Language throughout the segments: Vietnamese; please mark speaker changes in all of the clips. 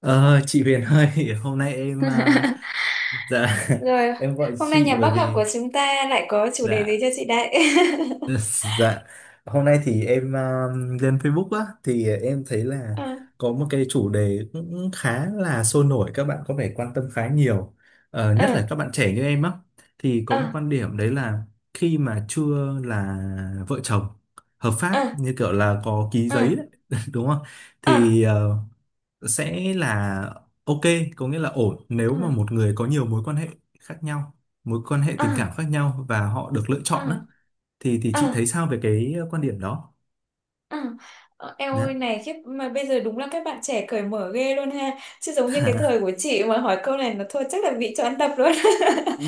Speaker 1: Ờ, chị Huyền ơi, hôm nay em dạ.
Speaker 2: Rồi,
Speaker 1: Em gọi
Speaker 2: hôm nay
Speaker 1: chị
Speaker 2: nhà
Speaker 1: bởi
Speaker 2: bác học
Speaker 1: vì
Speaker 2: của chúng ta lại có chủ đề gì
Speaker 1: dạ.
Speaker 2: cho chị đấy?
Speaker 1: Dạ, hôm nay thì em lên Facebook á, thì em thấy là
Speaker 2: Ờ,
Speaker 1: có một cái chủ đề cũng khá là sôi nổi, các bạn có vẻ quan tâm khá nhiều. Nhất là
Speaker 2: ờ,
Speaker 1: các bạn trẻ như em á, thì có một
Speaker 2: ờ,
Speaker 1: quan điểm đấy là khi mà chưa là vợ chồng hợp pháp,
Speaker 2: ờ,
Speaker 1: như kiểu là có ký
Speaker 2: ờ,
Speaker 1: giấy đấy, đúng không?
Speaker 2: ờ,
Speaker 1: Thì sẽ là ok, có nghĩa là ổn nếu
Speaker 2: ờ,
Speaker 1: mà một người có nhiều mối quan hệ khác nhau, mối quan hệ
Speaker 2: ờ,
Speaker 1: tình cảm khác nhau và họ được lựa chọn á,
Speaker 2: ờ,
Speaker 1: thì
Speaker 2: ờ.
Speaker 1: chị thấy sao về cái quan điểm đó?
Speaker 2: À, em ơi
Speaker 1: Dạ.
Speaker 2: này khiếp mà bây giờ đúng là các bạn trẻ cởi mở ghê luôn ha, chứ giống như cái thời của chị mà hỏi câu này nó thôi chắc là bị cho ăn tập luôn.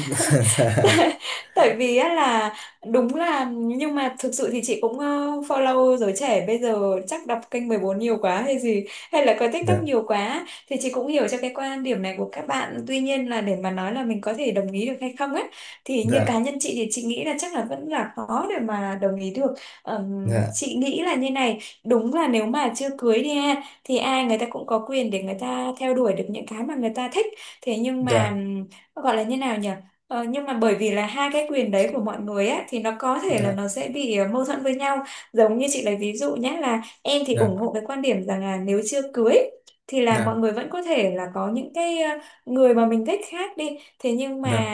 Speaker 1: Dạ,
Speaker 2: tại, Tại vì á là đúng là, nhưng mà thực sự thì chị cũng follow giới trẻ bây giờ, chắc đọc kênh 14 nhiều quá hay gì, hay là coi TikTok
Speaker 1: dạ,
Speaker 2: nhiều quá, thì chị cũng hiểu cho cái quan điểm này của các bạn. Tuy nhiên là để mà nói là mình có thể đồng ý được hay không ấy, thì như cá
Speaker 1: dạ,
Speaker 2: nhân chị thì chị nghĩ là chắc là vẫn là khó để mà đồng ý được. Chị nghĩ là như này, đúng là nếu mà chưa cưới đi ha, thì ai người ta cũng có quyền để người ta theo đuổi được những cái mà người ta thích. Thế nhưng mà
Speaker 1: dạ,
Speaker 2: gọi là như nào nhỉ. Ờ, nhưng mà bởi vì là hai cái quyền đấy của mọi người á, thì nó có thể là
Speaker 1: dạ,
Speaker 2: nó sẽ bị mâu thuẫn với nhau. Giống như chị lấy ví dụ nhé, là em thì
Speaker 1: dạ,
Speaker 2: ủng hộ cái quan điểm rằng là nếu chưa cưới thì là mọi
Speaker 1: dạ,
Speaker 2: người vẫn có thể là có những cái người mà mình thích khác đi. Thế nhưng
Speaker 1: dạ, dạ,
Speaker 2: mà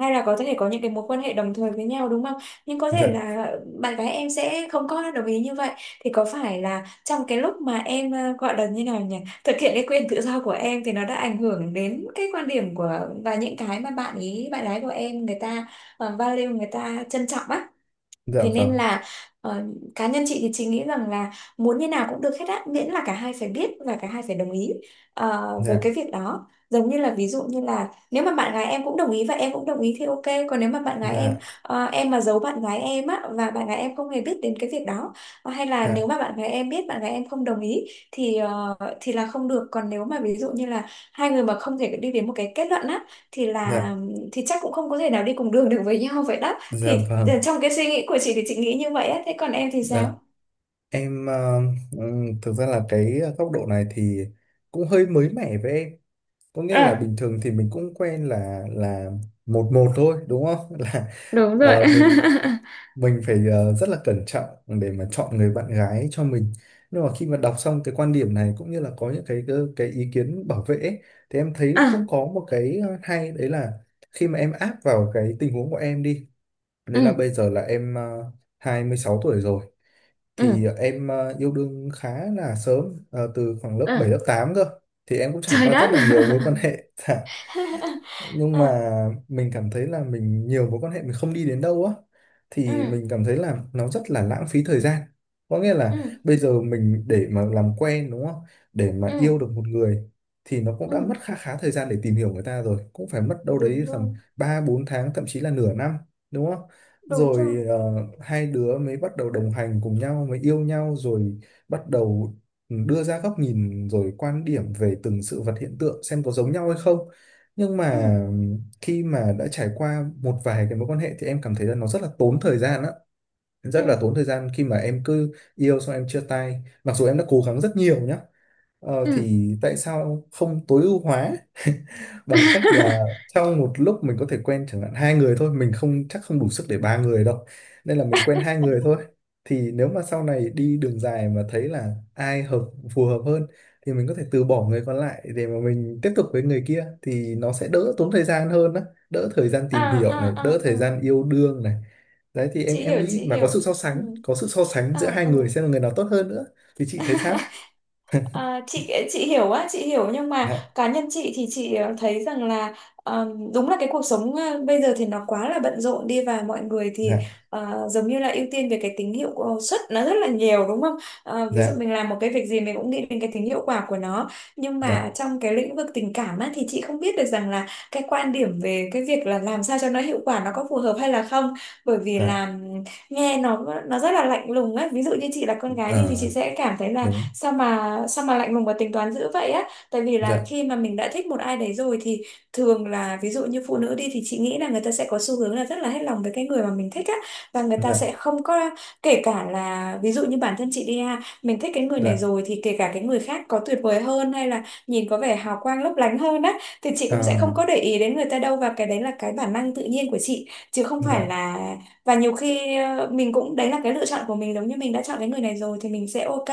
Speaker 2: hay là có thể có những cái mối quan hệ đồng thời với nhau, đúng không? Nhưng có thể
Speaker 1: dạ,
Speaker 2: là bạn gái em sẽ không có đồng ý như vậy. Thì có phải là trong cái lúc mà em gọi là như nào nhỉ, thực hiện cái quyền tự do của em, thì nó đã ảnh hưởng đến cái quan điểm của và những cái mà bạn ý bạn gái của em người ta value, người ta trân trọng á.
Speaker 1: dạ
Speaker 2: Thế
Speaker 1: vâng,
Speaker 2: nên là, ờ, cá nhân chị thì chị nghĩ rằng là muốn như nào cũng được hết á, miễn là cả hai phải biết và cả hai phải đồng ý với
Speaker 1: dạ,
Speaker 2: cái việc đó. Giống như là ví dụ như là nếu mà bạn gái em cũng đồng ý và em cũng đồng ý thì ok. Còn nếu mà bạn gái em,
Speaker 1: dạ,
Speaker 2: em mà giấu bạn gái em á và bạn gái em không hề biết đến cái việc đó, Ờ, hay là nếu
Speaker 1: dạ,
Speaker 2: mà bạn gái em biết bạn gái em không đồng ý, thì thì là không được. Còn nếu mà ví dụ như là hai người mà không thể đi đến một cái kết luận á, thì là
Speaker 1: dạ,
Speaker 2: thì chắc cũng không có thể nào đi cùng đường được với nhau vậy đó.
Speaker 1: dạ
Speaker 2: Thì
Speaker 1: vâng,
Speaker 2: trong cái suy nghĩ của chị thì chị nghĩ như vậy á, thế còn em thì
Speaker 1: dạ
Speaker 2: sao?
Speaker 1: em thực ra là cái góc độ này thì cũng hơi mới mẻ với em. Có nghĩa là
Speaker 2: À,
Speaker 1: bình thường thì mình cũng quen là một một thôi đúng không? Là
Speaker 2: đúng rồi.
Speaker 1: ờ, mình mình phải rất là cẩn trọng để mà chọn người bạn gái cho mình. Nhưng mà khi mà đọc xong cái quan điểm này cũng như là có những cái cái ý kiến bảo vệ ấy, thì em thấy cũng
Speaker 2: À,
Speaker 1: có một cái hay, đấy là khi mà em áp vào cái tình huống của em đi, đấy là
Speaker 2: ừ,
Speaker 1: bây giờ là em 26 tuổi rồi, thì
Speaker 2: ừ,
Speaker 1: em yêu đương khá là sớm, từ khoảng lớp bảy
Speaker 2: à,
Speaker 1: lớp tám cơ, thì em cũng trải
Speaker 2: trời
Speaker 1: qua rất
Speaker 2: đất.
Speaker 1: là nhiều mối quan hệ. Dạ. Nhưng
Speaker 2: à,
Speaker 1: mà mình cảm thấy là mình nhiều mối quan hệ mình không đi đến đâu á, thì mình
Speaker 2: ừ,
Speaker 1: cảm thấy là nó rất là lãng phí thời gian. Có nghĩa là
Speaker 2: ừ,
Speaker 1: bây giờ mình để mà làm quen đúng không, để mà
Speaker 2: ừ,
Speaker 1: yêu được một người thì nó cũng đã
Speaker 2: ừ,
Speaker 1: mất khá khá thời gian để tìm hiểu người ta, rồi cũng phải mất đâu đấy
Speaker 2: đúng
Speaker 1: tầm
Speaker 2: rồi,
Speaker 1: 3 4 tháng, thậm chí là nửa năm, đúng không,
Speaker 2: đúng rồi.
Speaker 1: rồi hai đứa mới bắt đầu đồng hành cùng nhau, mới yêu nhau, rồi bắt đầu đưa ra góc nhìn rồi quan điểm về từng sự vật hiện tượng xem có giống nhau hay không. Nhưng mà
Speaker 2: ừ,
Speaker 1: khi mà đã trải qua một vài cái mối quan hệ thì em cảm thấy là nó rất là tốn thời gian á, rất là
Speaker 2: ừ,
Speaker 1: tốn thời gian khi mà em cứ yêu xong em chia tay, mặc dù em đã cố gắng rất nhiều nhá.
Speaker 2: Ừ.
Speaker 1: Thì tại sao không tối ưu hóa bằng cách là sau một lúc mình có thể quen chẳng hạn hai người thôi, mình không chắc không đủ sức để ba người đâu, nên là mình quen hai người thôi. Thì nếu mà sau này đi đường dài mà thấy là ai hợp, phù hợp hơn thì mình có thể từ bỏ người còn lại để mà mình tiếp tục với người kia, thì nó sẽ đỡ tốn thời gian hơn á, đỡ thời gian
Speaker 2: à,
Speaker 1: tìm hiểu này, đỡ
Speaker 2: à, à,
Speaker 1: thời
Speaker 2: à.
Speaker 1: gian yêu đương này. Đấy, thì em
Speaker 2: Chị
Speaker 1: em
Speaker 2: hiểu,
Speaker 1: nghĩ
Speaker 2: chị
Speaker 1: mà
Speaker 2: hiểu.
Speaker 1: có sự so
Speaker 2: ừ,
Speaker 1: sánh, có sự so sánh
Speaker 2: À,
Speaker 1: giữa hai
Speaker 2: à.
Speaker 1: người xem là người nào tốt hơn nữa, thì chị thấy sao?
Speaker 2: À, chị hiểu á, chị hiểu, nhưng mà
Speaker 1: Dạ,
Speaker 2: cá nhân chị thì chị thấy rằng là đúng là cái cuộc sống bây giờ thì nó quá là bận rộn đi, và mọi người thì
Speaker 1: dạ,
Speaker 2: giống như là ưu tiên về cái tính hiệu suất nó rất là nhiều, đúng không? Ờ, ví dụ
Speaker 1: dạ,
Speaker 2: mình làm một cái việc gì mình cũng nghĩ đến cái tính hiệu quả của nó, nhưng
Speaker 1: dạ,
Speaker 2: mà trong cái lĩnh vực tình cảm á, thì chị không biết được rằng là cái quan điểm về cái việc là làm sao cho nó hiệu quả nó có phù hợp hay là không. Bởi vì
Speaker 1: dạ.
Speaker 2: là nghe nó rất là lạnh lùng á. Ví dụ như chị là con gái đi thì
Speaker 1: Ờ,
Speaker 2: chị sẽ cảm thấy là
Speaker 1: đúng.
Speaker 2: sao mà lạnh lùng và tính toán dữ vậy á. Tại vì là
Speaker 1: Dạ,
Speaker 2: khi mà mình đã thích một ai đấy rồi thì thường là, ví dụ như phụ nữ đi, thì chị nghĩ là người ta sẽ có xu hướng là rất là hết lòng với cái người mà mình thích á, và người ta
Speaker 1: dạ,
Speaker 2: sẽ không có. Kể cả là ví dụ như bản thân chị đi ha, mình thích cái người này
Speaker 1: dạ.
Speaker 2: rồi thì kể cả cái người khác có tuyệt vời hơn hay là nhìn có vẻ hào quang lấp lánh hơn á, thì chị cũng sẽ không có
Speaker 1: À,
Speaker 2: để ý đến người ta đâu, và cái đấy là cái bản năng tự nhiên của chị chứ không phải
Speaker 1: dạ,
Speaker 2: là. Và nhiều khi mình cũng, đấy là cái lựa chọn của mình, giống như mình đã chọn cái người này rồi thì mình sẽ ok,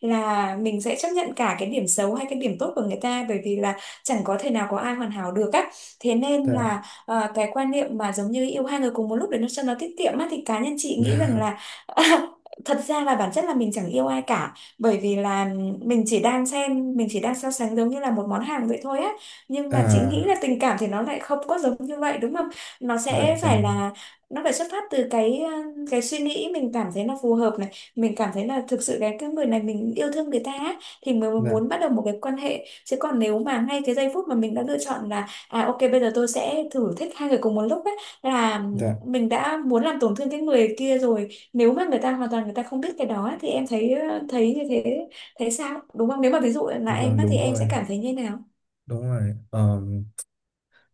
Speaker 2: là mình sẽ chấp nhận cả cái điểm xấu hay cái điểm tốt của người ta. Bởi vì là chẳng có thể nào có ai hoàn hảo được á. Thế nên
Speaker 1: dạ,
Speaker 2: là, cái quan niệm mà giống như yêu hai người cùng một lúc để nó cho nó tiết kiệm á, thì cá nhân chị nghĩ rằng
Speaker 1: dạ.
Speaker 2: là thật ra là bản chất là mình chẳng yêu ai cả. Bởi vì là mình chỉ đang xem, mình chỉ đang so sánh giống như là một món hàng vậy thôi á. Nhưng mà chị nghĩ là
Speaker 1: À,
Speaker 2: tình cảm thì nó lại không có giống như vậy, đúng không? Nó
Speaker 1: dạ
Speaker 2: sẽ phải
Speaker 1: vâng,
Speaker 2: là, nó phải xuất phát từ cái cái suy nghĩ mình cảm thấy nó phù hợp này, mình cảm thấy là thực sự cái người này mình yêu thương người ta á, thì mới
Speaker 1: dạ,
Speaker 2: muốn bắt đầu một cái quan hệ. Chứ còn nếu mà ngay cái giây phút mà mình đã lựa chọn là à ok bây giờ tôi sẽ thử thích hai người cùng một lúc ấy, là
Speaker 1: dạ
Speaker 2: mình đã muốn làm tổn thương cái người kia rồi. Nếu mà người ta hoàn toàn người ta không biết cái đó ấy, thì em thấy thấy như thế, thấy sao? Đúng không, nếu mà ví dụ là em
Speaker 1: vâng.
Speaker 2: á, thì
Speaker 1: Đúng
Speaker 2: em
Speaker 1: rồi,
Speaker 2: sẽ cảm thấy như nào?
Speaker 1: đúng rồi.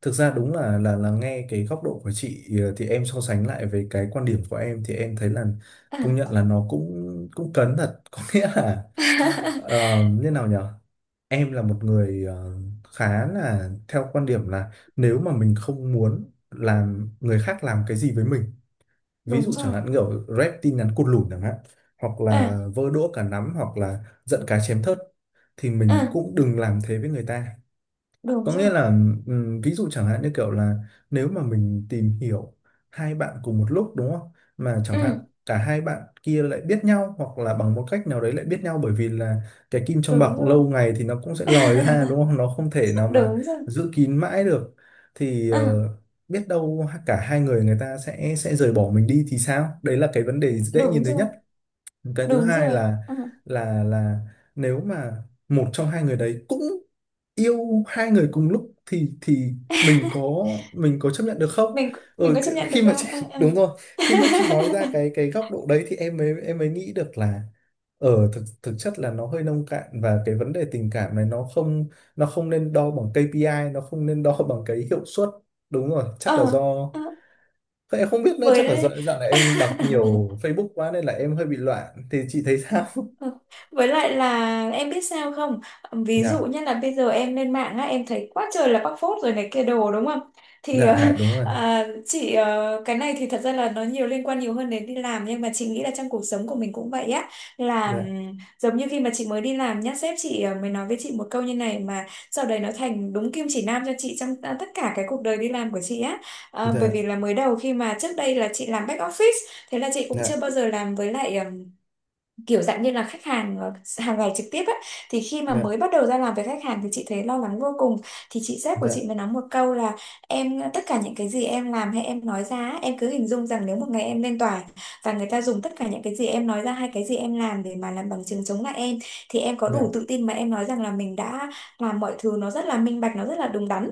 Speaker 1: Thực ra đúng là nghe cái góc độ của chị, thì em so sánh lại với cái quan điểm của em, thì em thấy là công nhận
Speaker 2: à
Speaker 1: là nó cũng cũng cấn thật. Có nghĩa là như nào nhở, em là một người, khá là theo quan điểm là nếu mà mình không muốn làm người khác làm cái gì với mình, ví
Speaker 2: Đúng
Speaker 1: dụ chẳng
Speaker 2: rồi.
Speaker 1: hạn như kiểu rep tin nhắn cụt lủn chẳng hạn, hoặc là
Speaker 2: à
Speaker 1: vơ đũa cả nắm, hoặc là giận cá chém thớt, thì mình
Speaker 2: à
Speaker 1: cũng đừng làm thế với người ta.
Speaker 2: Đúng
Speaker 1: Có
Speaker 2: rồi.
Speaker 1: nghĩa là ví dụ chẳng hạn như kiểu là nếu mà mình tìm hiểu hai bạn cùng một lúc đúng không? Mà
Speaker 2: ừ
Speaker 1: chẳng hạn cả hai bạn kia lại biết nhau, hoặc là bằng một cách nào đấy lại biết nhau, bởi vì là cái kim trong
Speaker 2: Đúng
Speaker 1: bọc
Speaker 2: rồi.
Speaker 1: lâu ngày thì nó cũng sẽ lòi ra đúng không? Nó không thể nào mà
Speaker 2: Đúng rồi.
Speaker 1: giữ kín mãi được. Thì
Speaker 2: à
Speaker 1: biết đâu cả hai người, người ta sẽ rời bỏ mình đi thì sao? Đấy là cái vấn đề dễ nhìn
Speaker 2: Đúng
Speaker 1: thấy
Speaker 2: rồi,
Speaker 1: nhất. Cái thứ
Speaker 2: đúng
Speaker 1: hai
Speaker 2: rồi,
Speaker 1: là
Speaker 2: đúng rồi. Ừ.
Speaker 1: là nếu mà một trong hai người đấy cũng yêu hai người cùng lúc thì mình có, mình có chấp nhận được không?
Speaker 2: mình mình
Speaker 1: ừ,
Speaker 2: có chấp nhận
Speaker 1: Khi
Speaker 2: được
Speaker 1: mà chị,
Speaker 2: không? Ờ
Speaker 1: đúng rồi, khi mà chị nói ra cái góc độ đấy thì em mới nghĩ được là ở thực thực chất là nó hơi nông cạn, và cái vấn đề tình cảm này nó không, nó không nên đo bằng KPI, nó không nên đo bằng cái hiệu suất. Đúng rồi,
Speaker 2: ờ
Speaker 1: chắc là do,
Speaker 2: ờ ờ
Speaker 1: thế em không biết nữa, chắc là do
Speaker 2: với
Speaker 1: dạo này em đọc nhiều Facebook quá nên là em hơi bị loạn, thì chị thấy sao?
Speaker 2: Ừ. Với lại là em biết sao không? Ví dụ
Speaker 1: Dạ,
Speaker 2: như là bây giờ em lên mạng á, em thấy quá trời là bóc phốt rồi này kia đồ, đúng không? Thì
Speaker 1: dạ đúng rồi.
Speaker 2: à, chị cái này thì thật ra là nó nhiều liên quan nhiều hơn đến đi làm, nhưng mà chị nghĩ là trong cuộc sống của mình cũng vậy á. Là
Speaker 1: Dạ,
Speaker 2: giống như khi mà chị mới đi làm nhá, sếp chị mới nói với chị một câu như này mà sau đấy nó thành đúng kim chỉ nam cho chị trong, à, tất cả cái cuộc đời đi làm của chị á. Ờ, bởi
Speaker 1: dạ,
Speaker 2: vì là mới đầu, khi mà trước đây là chị làm back office, thế là chị cũng
Speaker 1: dạ,
Speaker 2: chưa bao giờ làm với lại kiểu dạng như là khách hàng hàng ngày trực tiếp ấy, thì khi mà
Speaker 1: dạ,
Speaker 2: mới bắt đầu ra làm với khách hàng thì chị thấy lo lắng vô cùng. Thì chị sếp của
Speaker 1: dạ,
Speaker 2: chị mới nói một câu là, em tất cả những cái gì em làm hay em nói ra ấy, em cứ hình dung rằng nếu một ngày em lên tòa và người ta dùng tất cả những cái gì em nói ra hay cái gì em làm để mà làm bằng chứng chống lại em, thì em có đủ
Speaker 1: dạ.
Speaker 2: tự tin mà em nói rằng là mình đã làm mọi thứ nó rất là minh bạch, nó rất là đúng đắn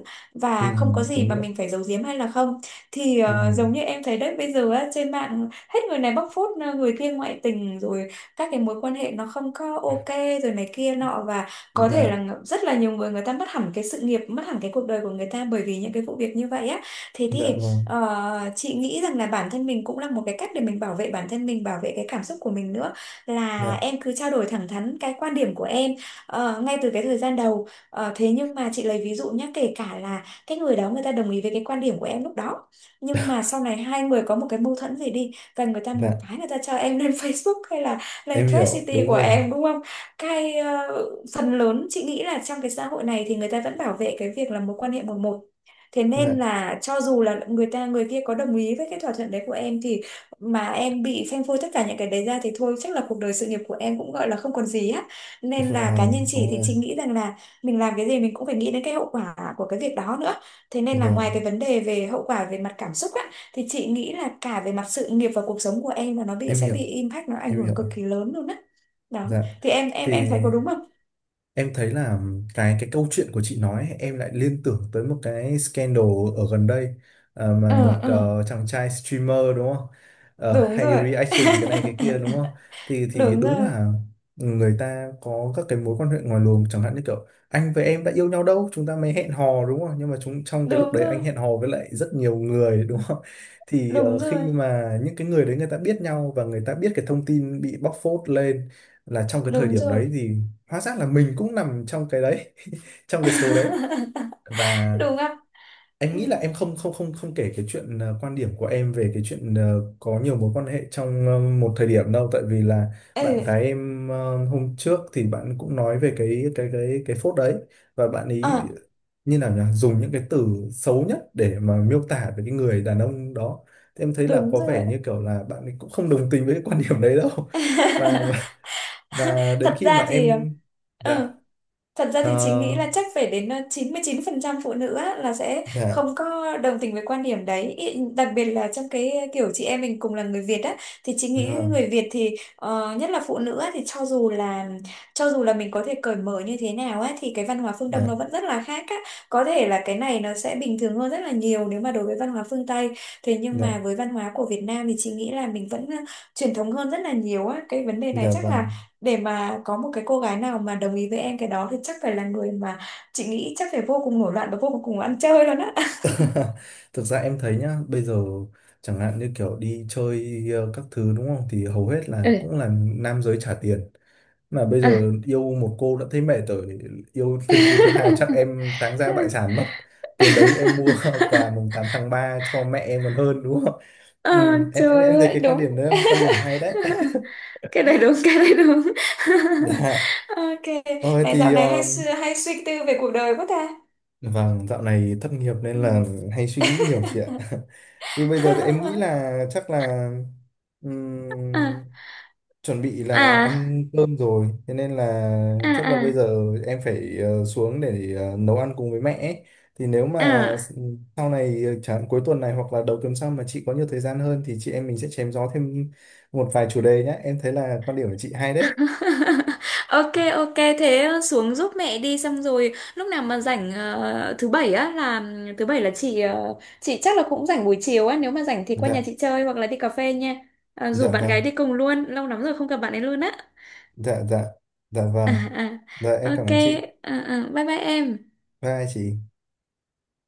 Speaker 1: Ừ,
Speaker 2: và không có gì
Speaker 1: đúng
Speaker 2: mà
Speaker 1: rồi.
Speaker 2: mình phải giấu giếm hay là không. Thì
Speaker 1: Ừ,
Speaker 2: giống như em thấy đấy, bây giờ á, trên mạng hết người này bóc phốt người kia ngoại tình rồi các cái mối quan hệ nó không có ok rồi này kia nọ, và có thể là
Speaker 1: dạ,
Speaker 2: rất là nhiều người người ta mất hẳn cái sự nghiệp, mất hẳn cái cuộc đời của người ta bởi vì những cái vụ việc như vậy á. Thế
Speaker 1: dạ
Speaker 2: thì,
Speaker 1: vâng.
Speaker 2: chị nghĩ rằng là bản thân mình cũng là một cái cách để mình bảo vệ bản thân, mình bảo vệ cái cảm xúc của mình nữa. Là
Speaker 1: Dạ,
Speaker 2: em cứ trao đổi thẳng thắn cái quan điểm của em ngay từ cái thời gian đầu. Ờ, thế nhưng mà chị lấy ví dụ nhé, kể cả là cái người đó người ta đồng ý với cái quan điểm của em lúc đó, nhưng mà sau này hai người có một cái mâu thuẫn gì đi và người ta một
Speaker 1: dạ.
Speaker 2: cái người ta cho em lên Facebook hay là lên
Speaker 1: Em
Speaker 2: Thread
Speaker 1: hiểu,
Speaker 2: City
Speaker 1: đúng
Speaker 2: của
Speaker 1: rồi.
Speaker 2: em, đúng không? Cái phần lớn chị nghĩ là trong cái xã hội này thì người ta vẫn bảo vệ cái việc là mối quan hệ 1-1. Thế
Speaker 1: Dạ,
Speaker 2: nên là cho dù là người ta người kia có đồng ý với cái thỏa thuận đấy của em, thì mà em bị phanh phui tất cả những cái đấy ra thì thôi chắc là cuộc đời sự nghiệp của em cũng gọi là không còn gì á. Nên là cá
Speaker 1: vâng,
Speaker 2: nhân
Speaker 1: đúng
Speaker 2: chị thì
Speaker 1: rồi.
Speaker 2: chị nghĩ rằng là mình làm cái gì mình cũng phải nghĩ đến cái hậu quả của cái việc đó nữa. Thế nên là ngoài
Speaker 1: Vâng,
Speaker 2: cái vấn đề về hậu quả về mặt cảm xúc á. Thì chị nghĩ là cả về mặt sự nghiệp và cuộc sống của em là nó bị,
Speaker 1: em
Speaker 2: sẽ
Speaker 1: hiểu,
Speaker 2: bị impact, nó ảnh
Speaker 1: em
Speaker 2: hưởng
Speaker 1: hiểu.
Speaker 2: cực kỳ lớn luôn á. Đó.
Speaker 1: Dạ.
Speaker 2: Thì em
Speaker 1: Thì,
Speaker 2: em thấy có đúng không?
Speaker 1: em thấy là cái câu chuyện của chị nói ấy, em lại liên tưởng tới một cái scandal ở gần đây, mà
Speaker 2: Ừ
Speaker 1: một
Speaker 2: ừ,
Speaker 1: chàng trai streamer đúng không?
Speaker 2: đúng
Speaker 1: Hay
Speaker 2: rồi.
Speaker 1: reaction cái này cái kia đúng không? Thì
Speaker 2: Đúng
Speaker 1: đúng
Speaker 2: rồi.
Speaker 1: là người ta có các cái mối quan hệ ngoài luồng, chẳng hạn như kiểu anh với em đã yêu nhau đâu, chúng ta mới hẹn hò đúng không? Nhưng mà chúng trong cái lúc
Speaker 2: Đúng
Speaker 1: đấy anh
Speaker 2: rồi.
Speaker 1: hẹn hò với lại rất nhiều người đúng không? Thì
Speaker 2: Đúng rồi.
Speaker 1: khi mà những cái người đấy người ta biết nhau và người ta biết cái thông tin bị bóc phốt lên, là trong cái thời
Speaker 2: Đúng
Speaker 1: điểm
Speaker 2: rồi.
Speaker 1: đấy thì hóa ra là mình cũng nằm trong cái đấy, trong cái số đấy, và
Speaker 2: Đúng không?
Speaker 1: anh
Speaker 2: Ừ.
Speaker 1: nghĩ là em không không không không kể cái chuyện, quan điểm của em về cái chuyện, có nhiều mối quan hệ trong một thời điểm đâu, tại vì là bạn
Speaker 2: Ừ.
Speaker 1: gái em, hôm trước thì bạn cũng nói về cái phốt đấy và bạn
Speaker 2: Ờ,
Speaker 1: ấy như nào nhỉ, dùng những cái từ xấu nhất để mà miêu tả về cái người đàn ông đó, thì em thấy là
Speaker 2: đúng
Speaker 1: có vẻ
Speaker 2: rồi.
Speaker 1: như kiểu là bạn ấy cũng không đồng tình với cái quan điểm đấy đâu. và và, và đến
Speaker 2: Thật
Speaker 1: khi mà
Speaker 2: ra thì
Speaker 1: em dạ.
Speaker 2: ừ. Thật ra
Speaker 1: Ờ,
Speaker 2: thì chị nghĩ là chắc phải đến 99% phụ nữ á, là sẽ
Speaker 1: dạ,
Speaker 2: không có đồng tình với quan điểm đấy. Đặc biệt là trong cái kiểu chị em mình cùng là người Việt á, thì chị nghĩ
Speaker 1: vâng,
Speaker 2: người Việt thì nhất là phụ nữ á, thì cho dù là, cho dù là mình có thể cởi mở như thế nào á, thì cái văn hóa phương Đông nó
Speaker 1: dạ,
Speaker 2: vẫn rất là khác á. Có thể là cái này nó sẽ bình thường hơn rất là nhiều nếu mà đối với văn hóa phương Tây. Thế nhưng
Speaker 1: dạ,
Speaker 2: mà với văn hóa của Việt Nam thì chị nghĩ là mình vẫn truyền thống hơn rất là nhiều á. Cái vấn đề này
Speaker 1: dạ
Speaker 2: chắc
Speaker 1: vâng.
Speaker 2: là để mà có một cái cô gái nào mà đồng ý với em cái đó thì chắc phải là người mà chị nghĩ chắc phải vô cùng nổi loạn và vô cùng ăn chơi luôn á.
Speaker 1: Thực ra em thấy nhá, bây giờ chẳng hạn như kiểu đi chơi các thứ đúng không? Thì hầu hết là
Speaker 2: ừ
Speaker 1: cũng là nam giới trả tiền. Mà bây
Speaker 2: à
Speaker 1: giờ yêu một cô đã thấy mệt rồi, yêu thêm cô thứ hai chắc em táng ra bại sản mất. Tiền đấy em mua quà mùng 8 tháng 3 cho mẹ em còn hơn đúng không?
Speaker 2: Ờ,
Speaker 1: Ừ, em, em
Speaker 2: trời
Speaker 1: em thấy
Speaker 2: ơi
Speaker 1: cái quan
Speaker 2: đúng.
Speaker 1: điểm đấy, là quan điểm hay đấy.
Speaker 2: Cái này đúng, cái này đúng.
Speaker 1: Dạ,
Speaker 2: Ok,
Speaker 1: thôi
Speaker 2: này dạo
Speaker 1: thì
Speaker 2: này hay hay suy tư về cuộc đời quá ta.
Speaker 1: vâng, dạo này thất nghiệp
Speaker 2: Ừ.
Speaker 1: nên là hay suy nghĩ nhiều chị ạ. Thì bây giờ thì em nghĩ là chắc là
Speaker 2: à
Speaker 1: ừm, chuẩn bị là
Speaker 2: à
Speaker 1: ăn cơm rồi, thế nên là
Speaker 2: à
Speaker 1: chắc là
Speaker 2: à
Speaker 1: bây giờ em phải xuống để nấu ăn cùng với mẹ ấy. Thì nếu mà
Speaker 2: à
Speaker 1: sau này, chẳng cuối tuần này hoặc là đầu tuần sau mà chị có nhiều thời gian hơn thì chị em mình sẽ chém gió thêm một vài chủ đề nhé, em thấy là quan điểm của chị hay đấy.
Speaker 2: Ok, ok, thế xuống giúp mẹ đi, xong rồi lúc nào mà rảnh thứ bảy á, là thứ bảy là chị chị chắc là cũng rảnh buổi chiều á, nếu mà rảnh thì qua nhà
Speaker 1: Dạ,
Speaker 2: chị chơi hoặc là đi cà phê nha. Ờ, rủ
Speaker 1: dạ
Speaker 2: bạn
Speaker 1: vâng,
Speaker 2: gái đi cùng luôn, lâu lắm rồi không gặp bạn ấy luôn á.
Speaker 1: dạ, dạ, dạ
Speaker 2: À,
Speaker 1: vâng, dạ em
Speaker 2: à.
Speaker 1: cảm
Speaker 2: Ok,
Speaker 1: ơn chị.
Speaker 2: à, à. Bye bye em.
Speaker 1: Bye chị.